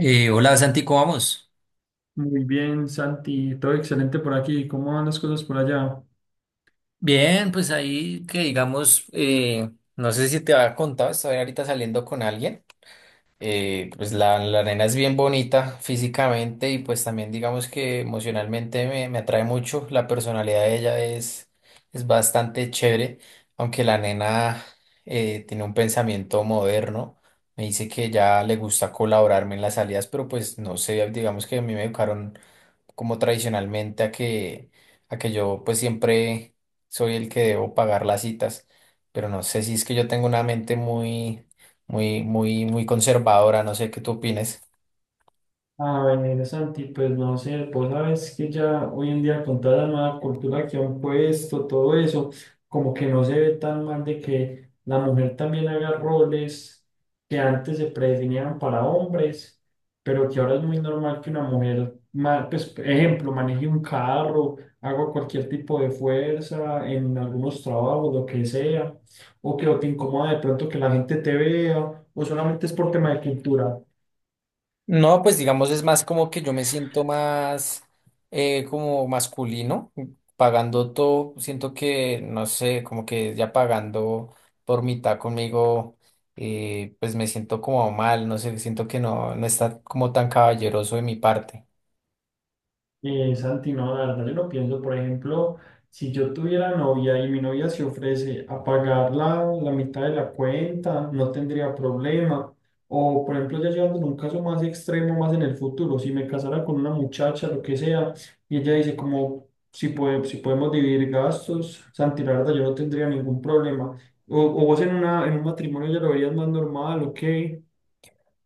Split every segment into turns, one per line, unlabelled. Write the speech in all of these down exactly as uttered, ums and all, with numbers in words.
Eh, hola Santi, ¿cómo vamos?
Muy bien, Santi, todo excelente por aquí. ¿Cómo van las cosas por allá?
Bien, pues ahí que digamos, eh, no sé si te había contado, estoy ahorita saliendo con alguien. eh, pues la, la nena es bien bonita físicamente y pues también digamos que emocionalmente me, me atrae mucho. La personalidad de ella es, es bastante chévere, aunque la nena eh, tiene un pensamiento moderno. Me dice que ya le gusta colaborarme en las salidas, pero pues no sé, digamos que a mí me educaron como tradicionalmente a que, a que yo pues siempre soy el que debo pagar las citas, pero no sé si es que yo tengo una mente muy, muy, muy, muy conservadora, no sé qué tú opines.
A ver, Santi, pues no sé, vos sabes que ya hoy en día con toda la nueva cultura que han puesto, todo eso, como que no se ve tan mal de que la mujer también haga roles que antes se predefinían para hombres, pero que ahora es muy normal que una mujer, ma- pues, por ejemplo, maneje un carro, haga cualquier tipo de fuerza en algunos trabajos, lo que sea, o que o te incomoda de pronto que la gente te vea, o solamente es por tema de cultura.
No, pues digamos es más como que yo me siento más eh, como masculino, pagando todo, siento que, no sé, como que ya pagando por mitad conmigo, eh, pues me siento como mal, no sé, siento que no, no está como tan caballeroso de mi parte.
Eh, Santi, no, la verdad yo lo pienso, por ejemplo, si yo tuviera novia y mi novia se ofrece a pagar la, la mitad de la cuenta, no tendría problema. O, por ejemplo, ya llevándolo a un caso más extremo, más en el futuro, si me casara con una muchacha, lo que sea, y ella dice como, si, puede, si podemos dividir gastos, Santi, la verdad yo no tendría ningún problema. O, o vos en, una, en un matrimonio ya lo verías más normal, ok.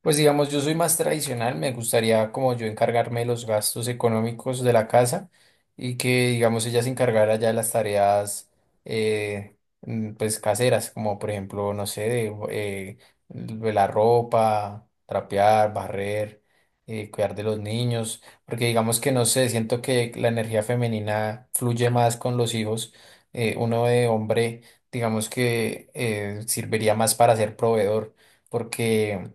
Pues digamos, yo soy más tradicional, me gustaría como yo encargarme de los gastos económicos de la casa y que digamos ella se encargara ya de las tareas eh, mm, pues caseras, como por ejemplo, no sé, de, eh, de la ropa, trapear, barrer, eh, cuidar de los niños, porque digamos que no sé, siento que la energía femenina fluye más con los hijos, eh, uno de hombre digamos que eh, serviría más para ser proveedor, porque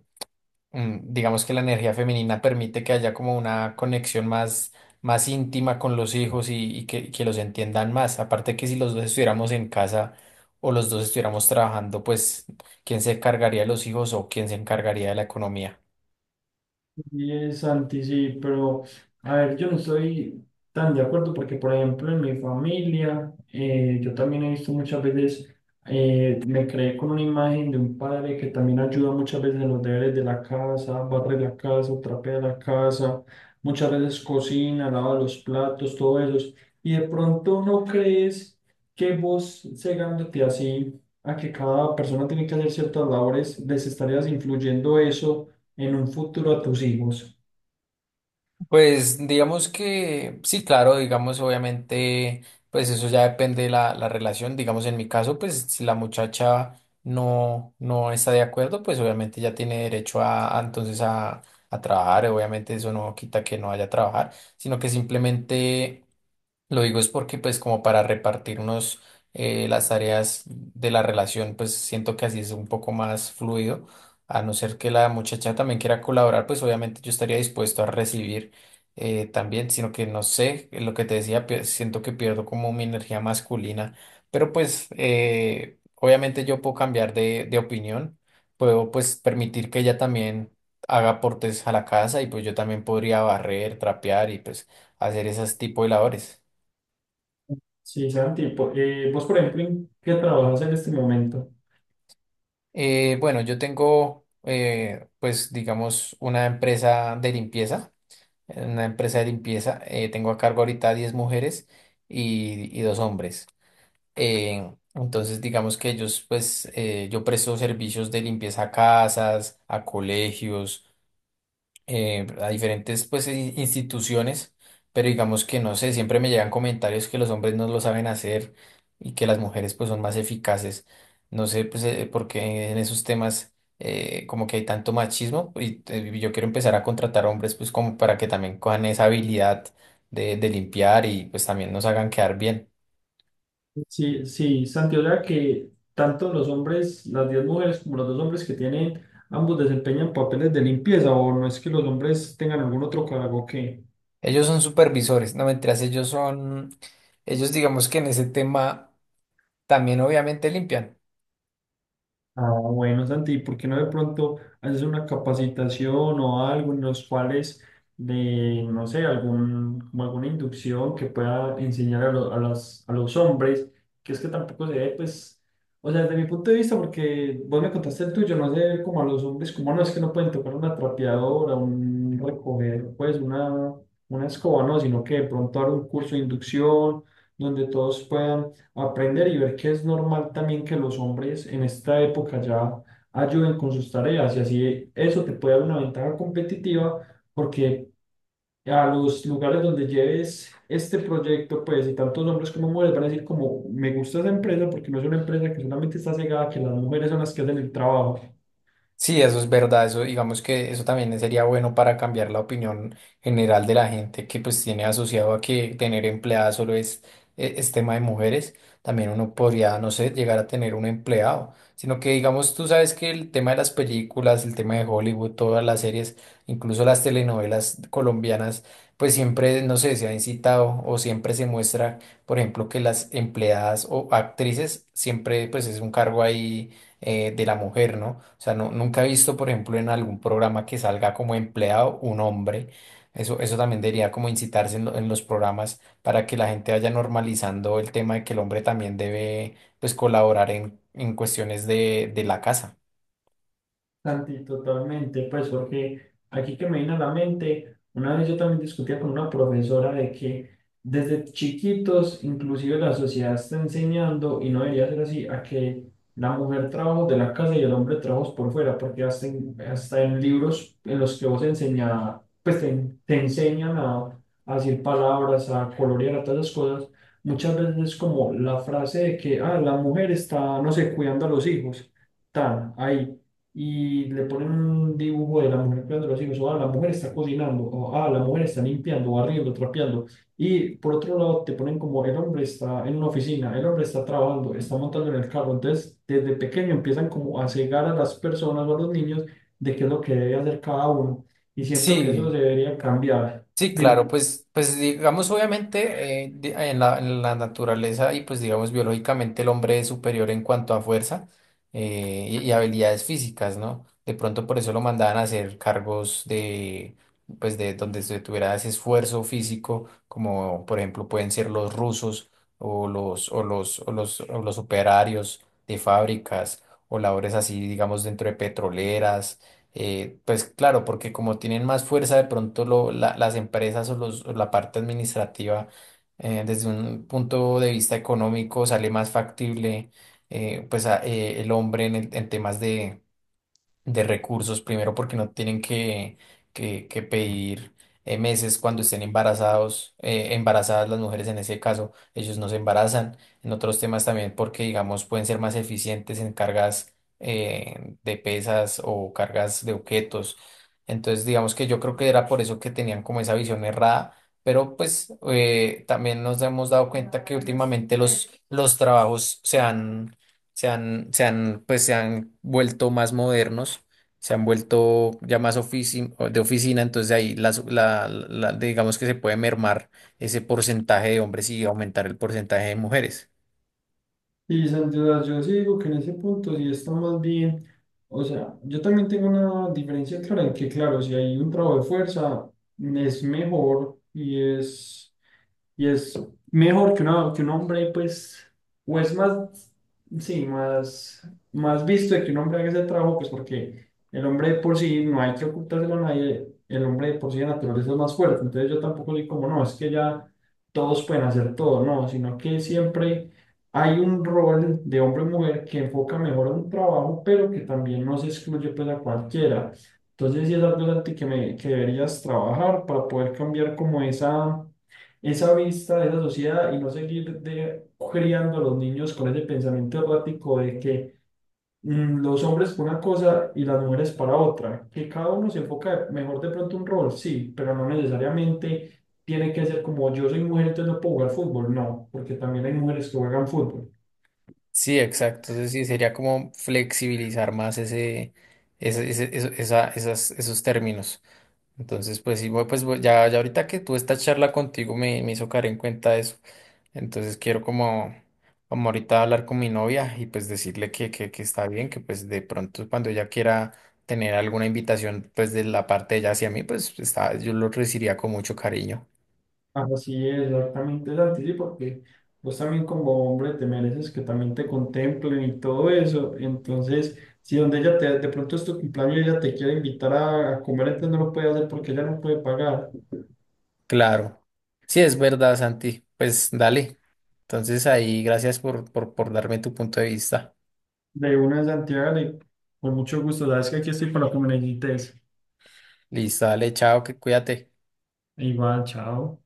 mm, digamos que la energía femenina permite que haya como una conexión más, más íntima con los hijos y, y que, que los entiendan más. Aparte que si los dos estuviéramos en casa o los dos estuviéramos trabajando, pues, ¿quién se encargaría de los hijos o quién se encargaría de la economía?
Sí, es Santi, sí, pero a ver, yo no estoy tan de acuerdo porque, por ejemplo, en mi familia, eh, yo también he visto muchas veces, eh, me creé con una imagen de un padre que también ayuda muchas veces en los deberes de la casa, barre la casa, trapea la casa, muchas veces cocina, lava los platos, todo eso. Y de pronto no crees que vos cegándote así a que cada persona tiene que hacer ciertas labores, les estarías influyendo eso en un futuro a tus hijos.
Pues digamos que sí, claro, digamos obviamente, pues eso ya depende de la, la relación, digamos en mi caso, pues si la muchacha no, no está de acuerdo, pues obviamente ya tiene derecho a, a, entonces a, a trabajar, obviamente eso no quita que no vaya a trabajar, sino que simplemente lo digo es porque pues como para repartirnos eh, las tareas de la relación, pues siento que así es un poco más fluido, a no ser que la muchacha también quiera colaborar, pues obviamente yo estaría dispuesto a recibir eh, también, sino que no sé, lo que te decía, pier- siento que pierdo como mi energía masculina, pero pues eh, obviamente yo puedo cambiar de, de opinión, puedo pues permitir que ella también haga aportes a la casa y pues yo también podría barrer, trapear y pues hacer esas tipo de labores.
Sí, Santi, po- eh, vos, por ejemplo, ¿en qué trabajas en este momento?
Eh, bueno, yo tengo eh, pues digamos una empresa de limpieza, una empresa de limpieza, eh, tengo a cargo ahorita diez mujeres y, y dos hombres. Eh, entonces, digamos que ellos, pues, eh, yo presto servicios de limpieza a casas, a colegios, eh, a diferentes, pues, i- instituciones, pero digamos que no sé, siempre me llegan comentarios que los hombres no lo saben hacer y que las mujeres, pues, son más eficaces. No sé, pues, eh, por qué en esos temas, eh, como que hay tanto machismo y eh, yo quiero empezar a contratar hombres, pues, como para que también cojan esa habilidad de, de limpiar y, pues, también nos hagan quedar bien.
Sí, sí, Santi, o sea que tanto los hombres, las diez mujeres como los dos hombres que tienen, ambos desempeñan papeles de limpieza, o no es que los hombres tengan algún otro cargo que…
Ellos son supervisores, no mentiras, ellos son, ellos digamos que en ese tema también obviamente limpian.
Ah, bueno, Santi, ¿por qué no de pronto haces una capacitación o algo en los cuales de, no sé, algún, como alguna inducción que pueda enseñar a, lo- a las, a los hombres? Que es que tampoco se ve, pues, o sea, desde mi punto de vista, porque vos me contaste el tuyo, no sé, como a los hombres, como no es que no pueden tocar una trapeadora, un recoger, pues, una, una escoba, no, sino que de pronto dar un curso de inducción donde todos puedan aprender y ver que es normal también que los hombres en esta época ya ayuden con sus tareas y así eso te puede dar una ventaja competitiva porque a los lugares donde lleves este proyecto, pues, y tantos hombres como mujeres van a decir como, me gusta esa empresa porque no es una empresa que solamente está cegada, que las mujeres son las que hacen el trabajo.
Sí, eso es verdad, eso digamos que eso también sería bueno para cambiar la opinión general de la gente que pues tiene asociado a que tener empleada solo es, e- es tema de mujeres, también uno podría, no sé, llegar a tener un empleado, sino que digamos tú sabes que el tema de las películas, el tema de Hollywood, todas las series, incluso las telenovelas colombianas, pues siempre, no sé, se ha incitado o siempre se muestra, por ejemplo, que las empleadas o actrices siempre pues es un cargo ahí eh, de la mujer, ¿no? O sea, no, nunca he visto, por ejemplo, en algún programa que salga como empleado un hombre. Eso, eso también debería como incitarse en, lo- en los programas para que la gente vaya normalizando el tema de que el hombre también debe, pues, colaborar en, en cuestiones de, de la casa.
Santi, totalmente, pues porque aquí que me vino a la mente, una vez yo también discutía con una profesora de que desde chiquitos inclusive la sociedad está enseñando, y no debería ser así, a que la mujer trabaja de la casa y el hombre trabaja por fuera, porque hasta en, hasta en libros en los que vos enseña, pues te, te enseñan a, a decir palabras, a colorear, a todas esas cosas, muchas veces es como la frase de que, ah, la mujer está, no sé, cuidando a los hijos, tan ahí y le ponen un dibujo de la mujer cuidando a los hijos, o ah, la mujer está cocinando, o ah, la mujer está limpiando, barriendo, trapeando. Y por otro lado te ponen como el hombre está en una oficina, el hombre está trabajando, está montando en el carro. Entonces, desde pequeño empiezan como a cegar a las personas o a los niños de qué es lo que debe hacer cada uno. Y siento que eso
Sí,
debería cambiar.
sí, claro,
Dime.
pues, pues digamos, obviamente, eh, di- en la, en la naturaleza y pues digamos biológicamente el hombre es superior en cuanto a fuerza eh, y, y habilidades físicas, ¿no? De pronto por eso lo mandaban a hacer cargos de, pues de donde se tuviera ese esfuerzo físico, como por ejemplo pueden ser los rusos o los, o los, o los, o los operarios de fábricas o labores así, digamos, dentro de petroleras eh, pues claro, porque como tienen más fuerza, de pronto lo- la- las empresas o, los- o la parte administrativa, eh, desde un punto de vista económico, sale más factible eh, pues a- eh, el hombre en, el- en temas de, de recursos, primero porque no tienen que, que, que pedir eh, meses cuando estén embarazados, eh, embarazadas las mujeres en ese caso, ellos no se embarazan, en otros temas también porque, digamos, pueden ser más eficientes en cargas eh, de pesas o cargas de objetos. Entonces, digamos que yo creo que era por eso que tenían como esa visión errada. Pero pues eh, también nos hemos dado cuenta que últimamente los, los trabajos se han se han, se han, pues, se han vuelto más modernos, se han vuelto ya más ofici- de oficina, entonces ahí las- la, la- digamos que se puede mermar ese porcentaje de hombres y aumentar el porcentaje de mujeres.
Y sin duda, yo sí digo que en ese punto sí está más bien, o sea, yo también tengo una diferencia clara en que, claro, si hay un trabajo de fuerza, es mejor y es… Y es mejor que, una- que un hombre, pues, o es más, sí, más, más visto de que un hombre haga ese trabajo, pues porque el hombre de por sí no hay que ocultárselo a nadie, el hombre de por sí de naturaleza es más fuerte. Entonces yo tampoco soy como, no, es que ya todos pueden hacer todo, no, sino que siempre hay un rol de hombre o mujer que enfoca mejor a un trabajo, pero que también no se excluye pues a cualquiera. Entonces sí es algo en ti que, me, que deberías trabajar para poder cambiar como esa esa vista de esa sociedad y no seguir de, criando a los niños con ese pensamiento errático de que mm, los hombres para una cosa y las mujeres para otra, que cada uno se enfoca mejor de pronto un rol, sí, pero no necesariamente tiene que ser como yo soy mujer, entonces no puedo jugar fútbol, no, porque también hay mujeres que juegan fútbol.
Sí, exacto. Entonces sí, sería como flexibilizar más ese, ese- ese- eso- esa- esas- esos términos. Entonces, pues sí, voy- pues voy- ya, ya ahorita que tuve esta charla contigo me, me hizo caer en cuenta eso. Entonces quiero como, como ahorita hablar con mi novia y pues decirle que, que, que está bien, que pues de pronto cuando ella quiera tener alguna invitación pues de la parte de ella hacia mí, pues está, yo lo recibiría con mucho cariño.
Así es, exactamente, Santi, sí, porque vos también como hombre te mereces que también te contemplen y todo eso. Entonces, si donde ella te, de pronto es tu cumpleaños y ella te quiere invitar a, a comer, entonces no lo puede hacer porque ella no puede pagar.
Claro. Sí, es verdad, Santi. Pues dale. Entonces ahí, gracias por, por, por darme tu punto de vista.
De una de Santiago, y con mucho gusto, sabes que aquí estoy para lo que me necesites.
Listo, dale, chao, que cuídate.
Igual, chao.